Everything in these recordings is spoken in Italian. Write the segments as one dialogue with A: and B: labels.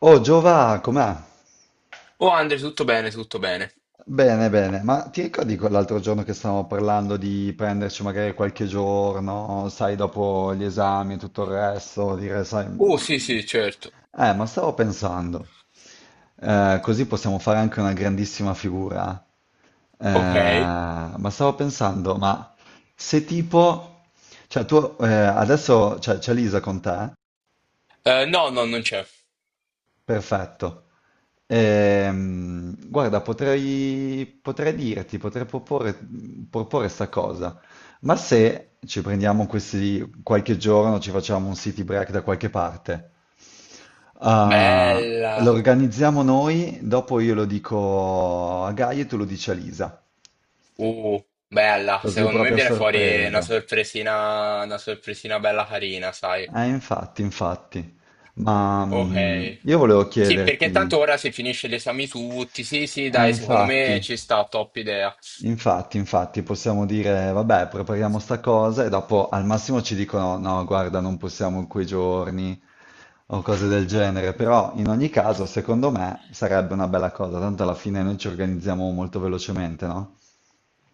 A: Oh Giova, com'è?
B: Oh Andre, tutto bene, tutto bene.
A: Bene, bene, ma ti ricordi quell'altro giorno che stavamo parlando di prenderci magari qualche giorno, sai, dopo gli esami e tutto il resto, dire, sai,
B: Oh sì, sì, certo.
A: ma stavo pensando, così possiamo fare anche una grandissima figura,
B: Ok.
A: ma stavo pensando, ma se tipo, cioè tu adesso c'è Lisa con te?
B: No, no, non c'è.
A: Perfetto. Guarda, potrei, potrei dirti, potrei proporre, proporre sta cosa, ma se ci prendiamo questi qualche giorno, ci facciamo un city break da qualche parte, ah, lo
B: Bella.
A: organizziamo noi, dopo io lo dico a Gaia e tu lo dici a Lisa,
B: Uh, bella.
A: così
B: Secondo me
A: proprio a
B: viene fuori
A: sorpresa.
B: una sorpresina bella carina, sai.
A: Infatti, infatti. Ma
B: Ok.
A: io volevo
B: Sì, perché
A: chiederti,
B: tanto ora si finisce gli esami tutti. Sì, sì, dai, secondo me
A: infatti.
B: ci sta, top idea.
A: Infatti, infatti, possiamo dire, vabbè, prepariamo sta cosa e dopo al massimo ci dicono, no, guarda, non possiamo in quei giorni o cose del genere, però in ogni caso, secondo me, sarebbe una bella cosa, tanto alla fine noi ci organizziamo molto velocemente, no?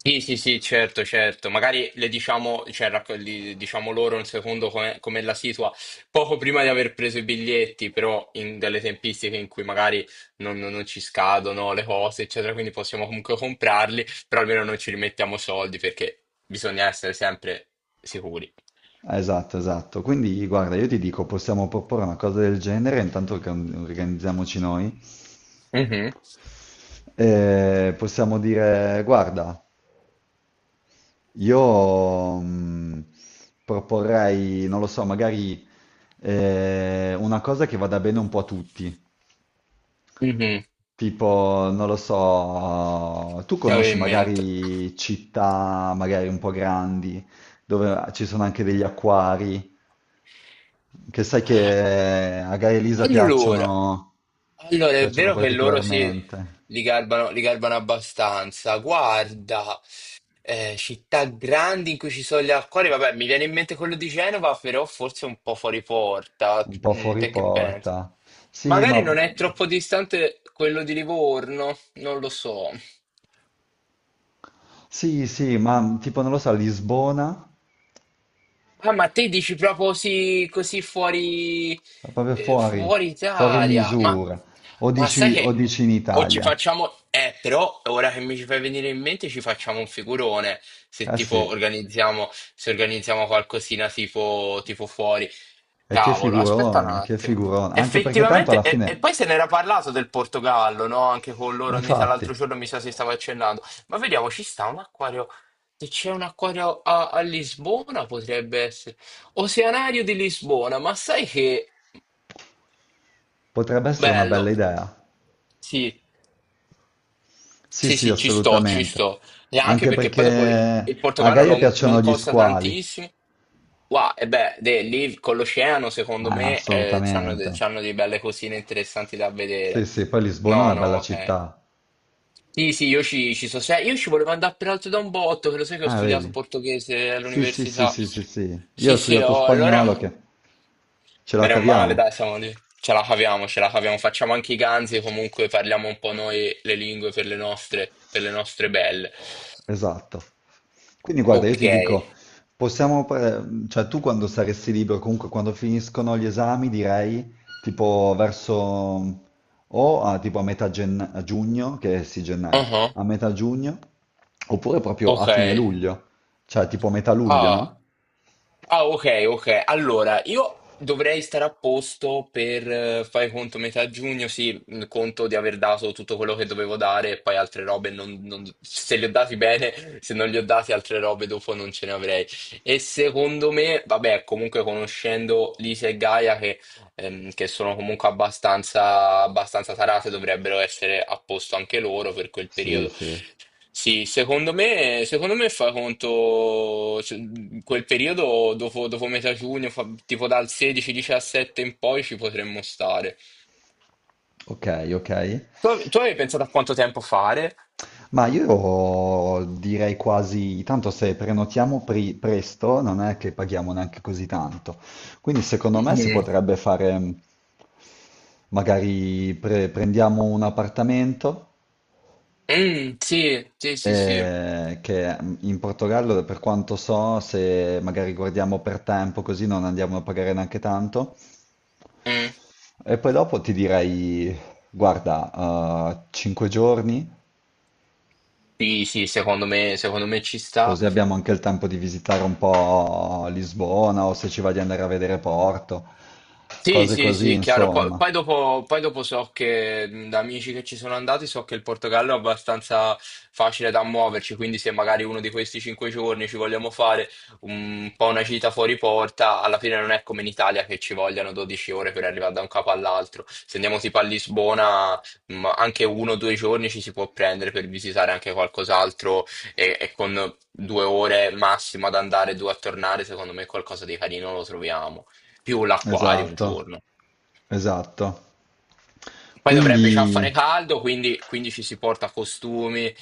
B: Sì, sì, sì, certo, certo. Magari le diciamo, cioè, diciamo loro un secondo come, come la situa, poco prima di aver preso i biglietti, però in delle tempistiche in cui magari non ci scadono le cose, eccetera, quindi possiamo comunque comprarli, però almeno non ci rimettiamo soldi perché bisogna essere sempre sicuri.
A: Esatto, esatto. Quindi, guarda, io ti dico, possiamo proporre una cosa del genere, intanto organ- organizziamoci noi.
B: Mhm,
A: E possiamo dire, guarda, io proporrei, non lo so, magari una cosa che vada bene un po' a tutti.
B: mhm,
A: Tipo, non lo so, tu
B: che avevo
A: conosci
B: in mente.
A: magari città magari un po' grandi, dove ci sono anche degli acquari, che sai che a Gaia Elisa
B: Allora.
A: piacciono,
B: Allora, è
A: piacciono
B: vero che loro sì,
A: particolarmente,
B: li garbano abbastanza. Guarda, città grandi in cui ci sono gli acquari, vabbè, mi viene in mente quello di Genova, però forse un po' fuori porta.
A: un po'
B: Mm,
A: fuori
B: te che pensi?
A: porta. Sì, ma
B: Magari non è troppo distante quello di Livorno, non lo so.
A: sì, sì, ma tipo, non lo so, Lisbona.
B: Ah, ma te dici proprio sì, così fuori,
A: Ma proprio fuori,
B: fuori
A: fuori
B: Italia? Ma,
A: misura.
B: ma sai
A: O
B: che
A: dici in
B: o ci
A: Italia.
B: facciamo. Però ora che mi ci fai venire in mente ci facciamo un figurone se
A: Eh
B: tipo
A: sì,
B: organizziamo, se organizziamo qualcosina tipo fuori.
A: e che
B: Cavolo, aspetta un
A: figurone, che
B: attimo.
A: figurone. Anche perché tanto
B: Effettivamente,
A: alla
B: e
A: fine,
B: poi se n'era parlato del Portogallo, no? Anche con loro, ogni tra
A: infatti,
B: l'altro giorno mi sa si stava accennando. Ma vediamo, ci sta un acquario. Se c'è un acquario a Lisbona, potrebbe essere. Oceanario di Lisbona, ma sai che
A: potrebbe essere una bella
B: bello.
A: idea.
B: Sì.
A: Sì,
B: Sì,
A: sì,
B: sì, ci sto, ci
A: assolutamente.
B: sto. E anche
A: Anche
B: perché poi dopo
A: perché
B: il
A: a
B: Portogallo
A: Gaia
B: non,
A: piacciono
B: non
A: gli
B: costa
A: squali.
B: tantissimo. Wow, e beh, lì con l'oceano, secondo
A: Ah,
B: me, c'hanno, de-
A: assolutamente.
B: c'hanno delle belle cosine interessanti da
A: Sì,
B: vedere.
A: sì, poi Lisbona è
B: No,
A: una
B: no,
A: bella
B: ok.
A: città.
B: Sì, sì, io ci so. Io ci volevo andare peraltro da un botto, che lo sai che ho
A: Ah,
B: studiato
A: vedi?
B: portoghese
A: Sì, sì, sì,
B: all'università.
A: sì, sì, sì. Io ho
B: Sì, sì,
A: studiato
B: oh, allora.
A: spagnolo che ce la
B: Bene o male,
A: caviamo.
B: dai, siamo lì. Ce la caviamo, ce la caviamo. Facciamo anche i ganzi, comunque parliamo un po' noi le lingue per le nostre belle.
A: Esatto. Quindi guarda, io
B: Ok.
A: ti dico, possiamo, pre- cioè tu quando saresti libero, comunque quando finiscono gli esami, direi tipo verso o a, tipo a metà gen- a giugno, che è sì gennaio,
B: uh
A: a metà giugno, oppure proprio a
B: Ok.
A: fine luglio, cioè tipo metà luglio,
B: Ah.
A: no?
B: Ah, ok, ok. Allora, io dovrei stare a posto per, fai conto, metà giugno, sì, conto di aver dato tutto quello che dovevo dare e poi altre robe, se li ho dati bene, se non li ho dati altre robe dopo non ce ne avrei. E secondo me, vabbè, comunque conoscendo Lisa e Gaia, che sono comunque abbastanza, abbastanza tarate, dovrebbero essere a posto anche loro per quel
A: Sì,
B: periodo.
A: sì.
B: Sì, secondo me fa conto cioè, quel periodo dopo, dopo metà giugno, tipo dal 16-17 in poi ci potremmo stare.
A: Ok, ok.
B: Tu avevi pensato a quanto tempo fare?
A: Ma io direi quasi, tanto se prenotiamo pri- presto non è che paghiamo neanche così tanto. Quindi secondo me si
B: Mm.
A: potrebbe fare, magari pre- prendiamo un appartamento
B: Mm, sì, sì, sì, sì.
A: che in Portogallo, per quanto so, se magari guardiamo per tempo così non andiamo a pagare neanche tanto.
B: Mm.
A: E poi dopo ti direi, guarda, 5 giorni.
B: Sì, sì, secondo me ci sta.
A: Così abbiamo anche il tempo di visitare un po' Lisbona o se ci va di andare a vedere Porto,
B: Sì,
A: cose
B: sì,
A: così,
B: sì, chiaro. Poi,
A: insomma.
B: poi dopo, poi dopo so che da amici che ci sono andati so che il Portogallo è abbastanza facile da muoverci, quindi se magari uno di questi 5 giorni ci vogliamo fare un po' una gita fuori porta, alla fine non è come in Italia che ci vogliono 12 ore per arrivare da un capo all'altro. Se andiamo tipo a Lisbona, anche 1 o 2 giorni ci si può prendere per visitare anche qualcos'altro e con 2 ore massimo ad andare e due a tornare, secondo me qualcosa di carino lo troviamo più l'acquario un
A: Esatto,
B: giorno.
A: esatto.
B: Poi dovrebbe già fare
A: Quindi,
B: caldo, quindi ci si porta costumi,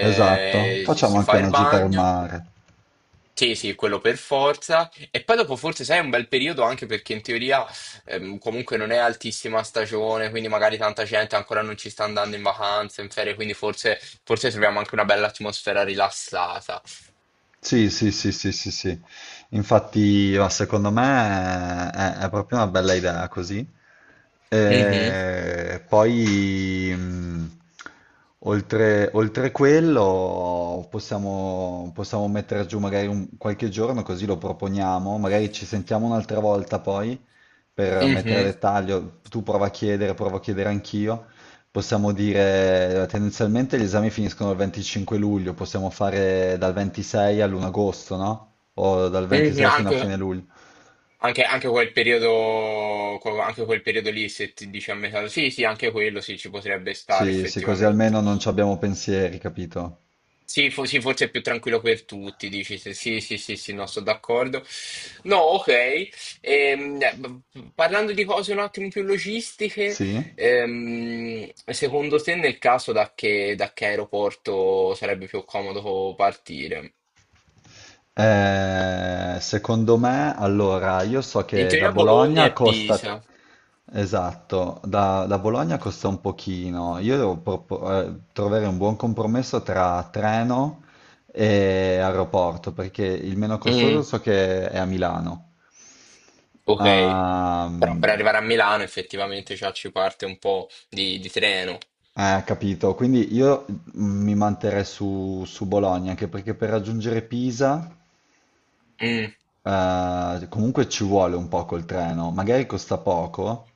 A: esatto,
B: ci
A: facciamo
B: si
A: anche
B: fa il
A: una gita al
B: bagno.
A: mare.
B: Sì, sì, quello per forza. E poi dopo forse sai è un bel periodo anche perché in teoria comunque non è altissima stagione, quindi magari tanta gente ancora non ci sta andando in vacanza, in ferie, quindi forse troviamo anche una bella atmosfera rilassata.
A: Sì, sì, sì, sì, sì, sì. Infatti, ma secondo me è proprio una bella idea così.
B: Mhm,
A: E poi, oltre, oltre quello, possiamo, possiamo mettere giù magari un- qualche giorno, così lo proponiamo. Magari ci sentiamo un'altra volta poi per mettere a
B: mhm,
A: dettaglio. Tu prova a chiedere, provo a chiedere anch'io. Possiamo dire, tendenzialmente gli esami finiscono il 25 luglio, possiamo fare dal 26 all'1 agosto, no? O dal
B: mhm.
A: 26 fino a
B: Anche,
A: fine luglio.
B: Anche, anche quel periodo, anche quel periodo lì, se ti dici a metà, sì, sì, anche quello sì, ci potrebbe stare
A: Sì, sì, così
B: effettivamente.
A: almeno non ci abbiamo pensieri, capito?
B: Sì, sì, forse è più tranquillo per tutti, dici sì, sì, sì, sì, no, sono d'accordo. No, ok. Parlando di cose un attimo più logistiche,
A: Sì?
B: secondo te nel caso da che aeroporto sarebbe più comodo partire?
A: Secondo me, allora, io so
B: In
A: che da
B: teoria Bologna
A: Bologna
B: e
A: costa,
B: Pisa.
A: esatto, da, da Bologna costa un pochino. Io devo propo- trovare un buon compromesso tra treno e aeroporto, perché il meno costoso
B: Mm,
A: so che è a Milano.
B: ok.
A: Ah,
B: Però per arrivare a Milano effettivamente già ci parte un po' di treno.
A: capito. Quindi io mi manterrei su, su Bologna, anche perché per raggiungere Pisa,
B: Mm.
A: comunque ci vuole un po' col treno. Magari costa poco,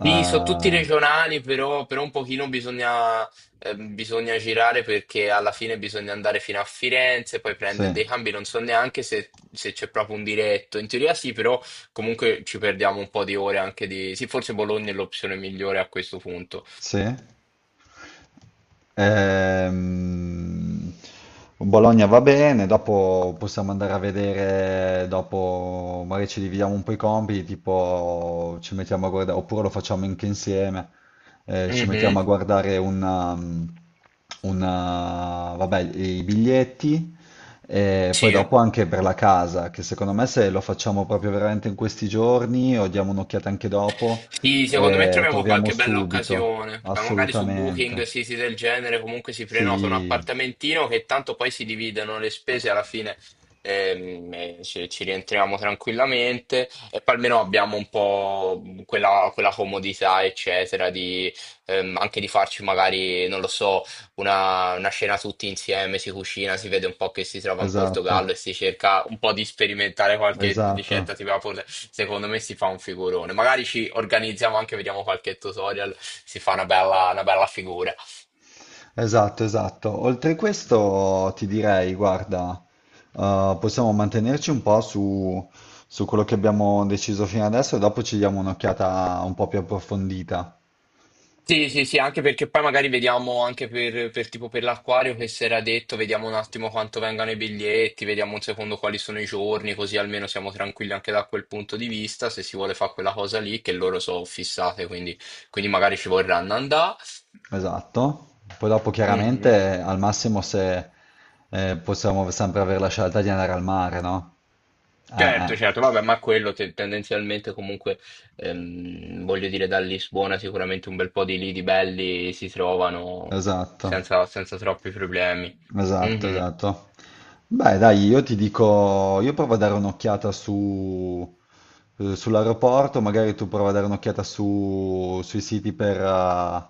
B: Sì, sono tutti regionali, però un pochino bisogna, bisogna girare perché alla fine bisogna andare fino a Firenze, poi prendere
A: sì,
B: dei cambi, non so neanche se c'è proprio un diretto. In teoria sì, però comunque ci perdiamo un po' di ore anche di. Sì, forse Bologna è l'opzione migliore a questo punto.
A: sì. Ehm, Bologna va bene, dopo possiamo andare a vedere, dopo magari ci dividiamo un po' i compiti, tipo ci mettiamo a guardare, oppure lo facciamo anche insieme, ci
B: Mhm.
A: mettiamo a guardare una- vabbè, i biglietti e poi
B: Sì.
A: dopo anche per la casa, che secondo me se lo facciamo proprio veramente in questi giorni o diamo un'occhiata anche dopo,
B: Sì, secondo me troviamo
A: troviamo
B: qualche bella
A: subito,
B: occasione, ma magari su Booking,
A: assolutamente.
B: siti del genere, comunque si prenota un
A: Sì,
B: appartamentino che tanto poi si dividono le spese alla fine e ci rientriamo tranquillamente e poi almeno abbiamo un po' quella comodità, eccetera, anche di farci magari, non lo so, una cena tutti insieme, si cucina, si vede un po' che si trova in
A: esatto,
B: Portogallo e si cerca un po' di sperimentare qualche
A: esatto,
B: ricetta tipo Napoli. Secondo me si fa un figurone. Magari ci organizziamo anche, vediamo qualche tutorial, si fa una bella figura.
A: esatto, esatto. Oltre questo ti direi, guarda, possiamo mantenerci un po' su, su quello che abbiamo deciso fino adesso e dopo ci diamo un'occhiata un po' più approfondita.
B: Sì, sì, sì, anche perché poi magari vediamo anche per tipo per l'acquario che si era detto, vediamo un attimo quanto vengano i biglietti, vediamo un secondo quali sono i giorni, così almeno siamo tranquilli anche da quel punto di vista, se si vuole fare quella cosa lì, che loro sono fissate, quindi magari ci vorranno andare.
A: Esatto. Poi dopo
B: Mhm.
A: chiaramente al massimo se possiamo sempre avere la scelta di andare al mare, no?
B: Certo,
A: Eh.
B: certo, vabbè, ma quello tendenzialmente comunque, voglio dire, da Lisbona sicuramente un bel po' di lidi belli si trovano
A: Esatto.
B: senza troppi problemi.
A: Esatto,
B: Mhm.
A: esatto. Beh, dai, io ti dico, io provo a dare un'occhiata su, sull'aeroporto, magari tu prova a dare un'occhiata su, sui siti per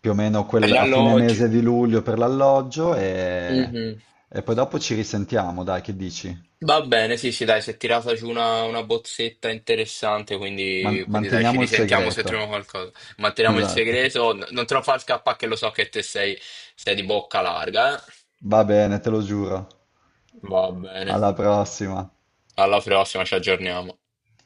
A: più o meno
B: Per
A: quel,
B: gli
A: a fine
B: alloggi.
A: mese di luglio per l'alloggio
B: Mhm.
A: e poi dopo ci risentiamo, dai, che dici?
B: Va bene, sì, sì, dai, si è tirata giù una bozzetta interessante,
A: Man-
B: quindi dai, ci
A: manteniamo il
B: risentiamo se
A: segreto.
B: troviamo qualcosa. Manteniamo il
A: Esatto.
B: segreto, non te lo far scappare che lo so che te sei di bocca larga, eh.
A: Va bene, te lo giuro.
B: Va bene,
A: Alla prossima.
B: alla prossima, ci aggiorniamo.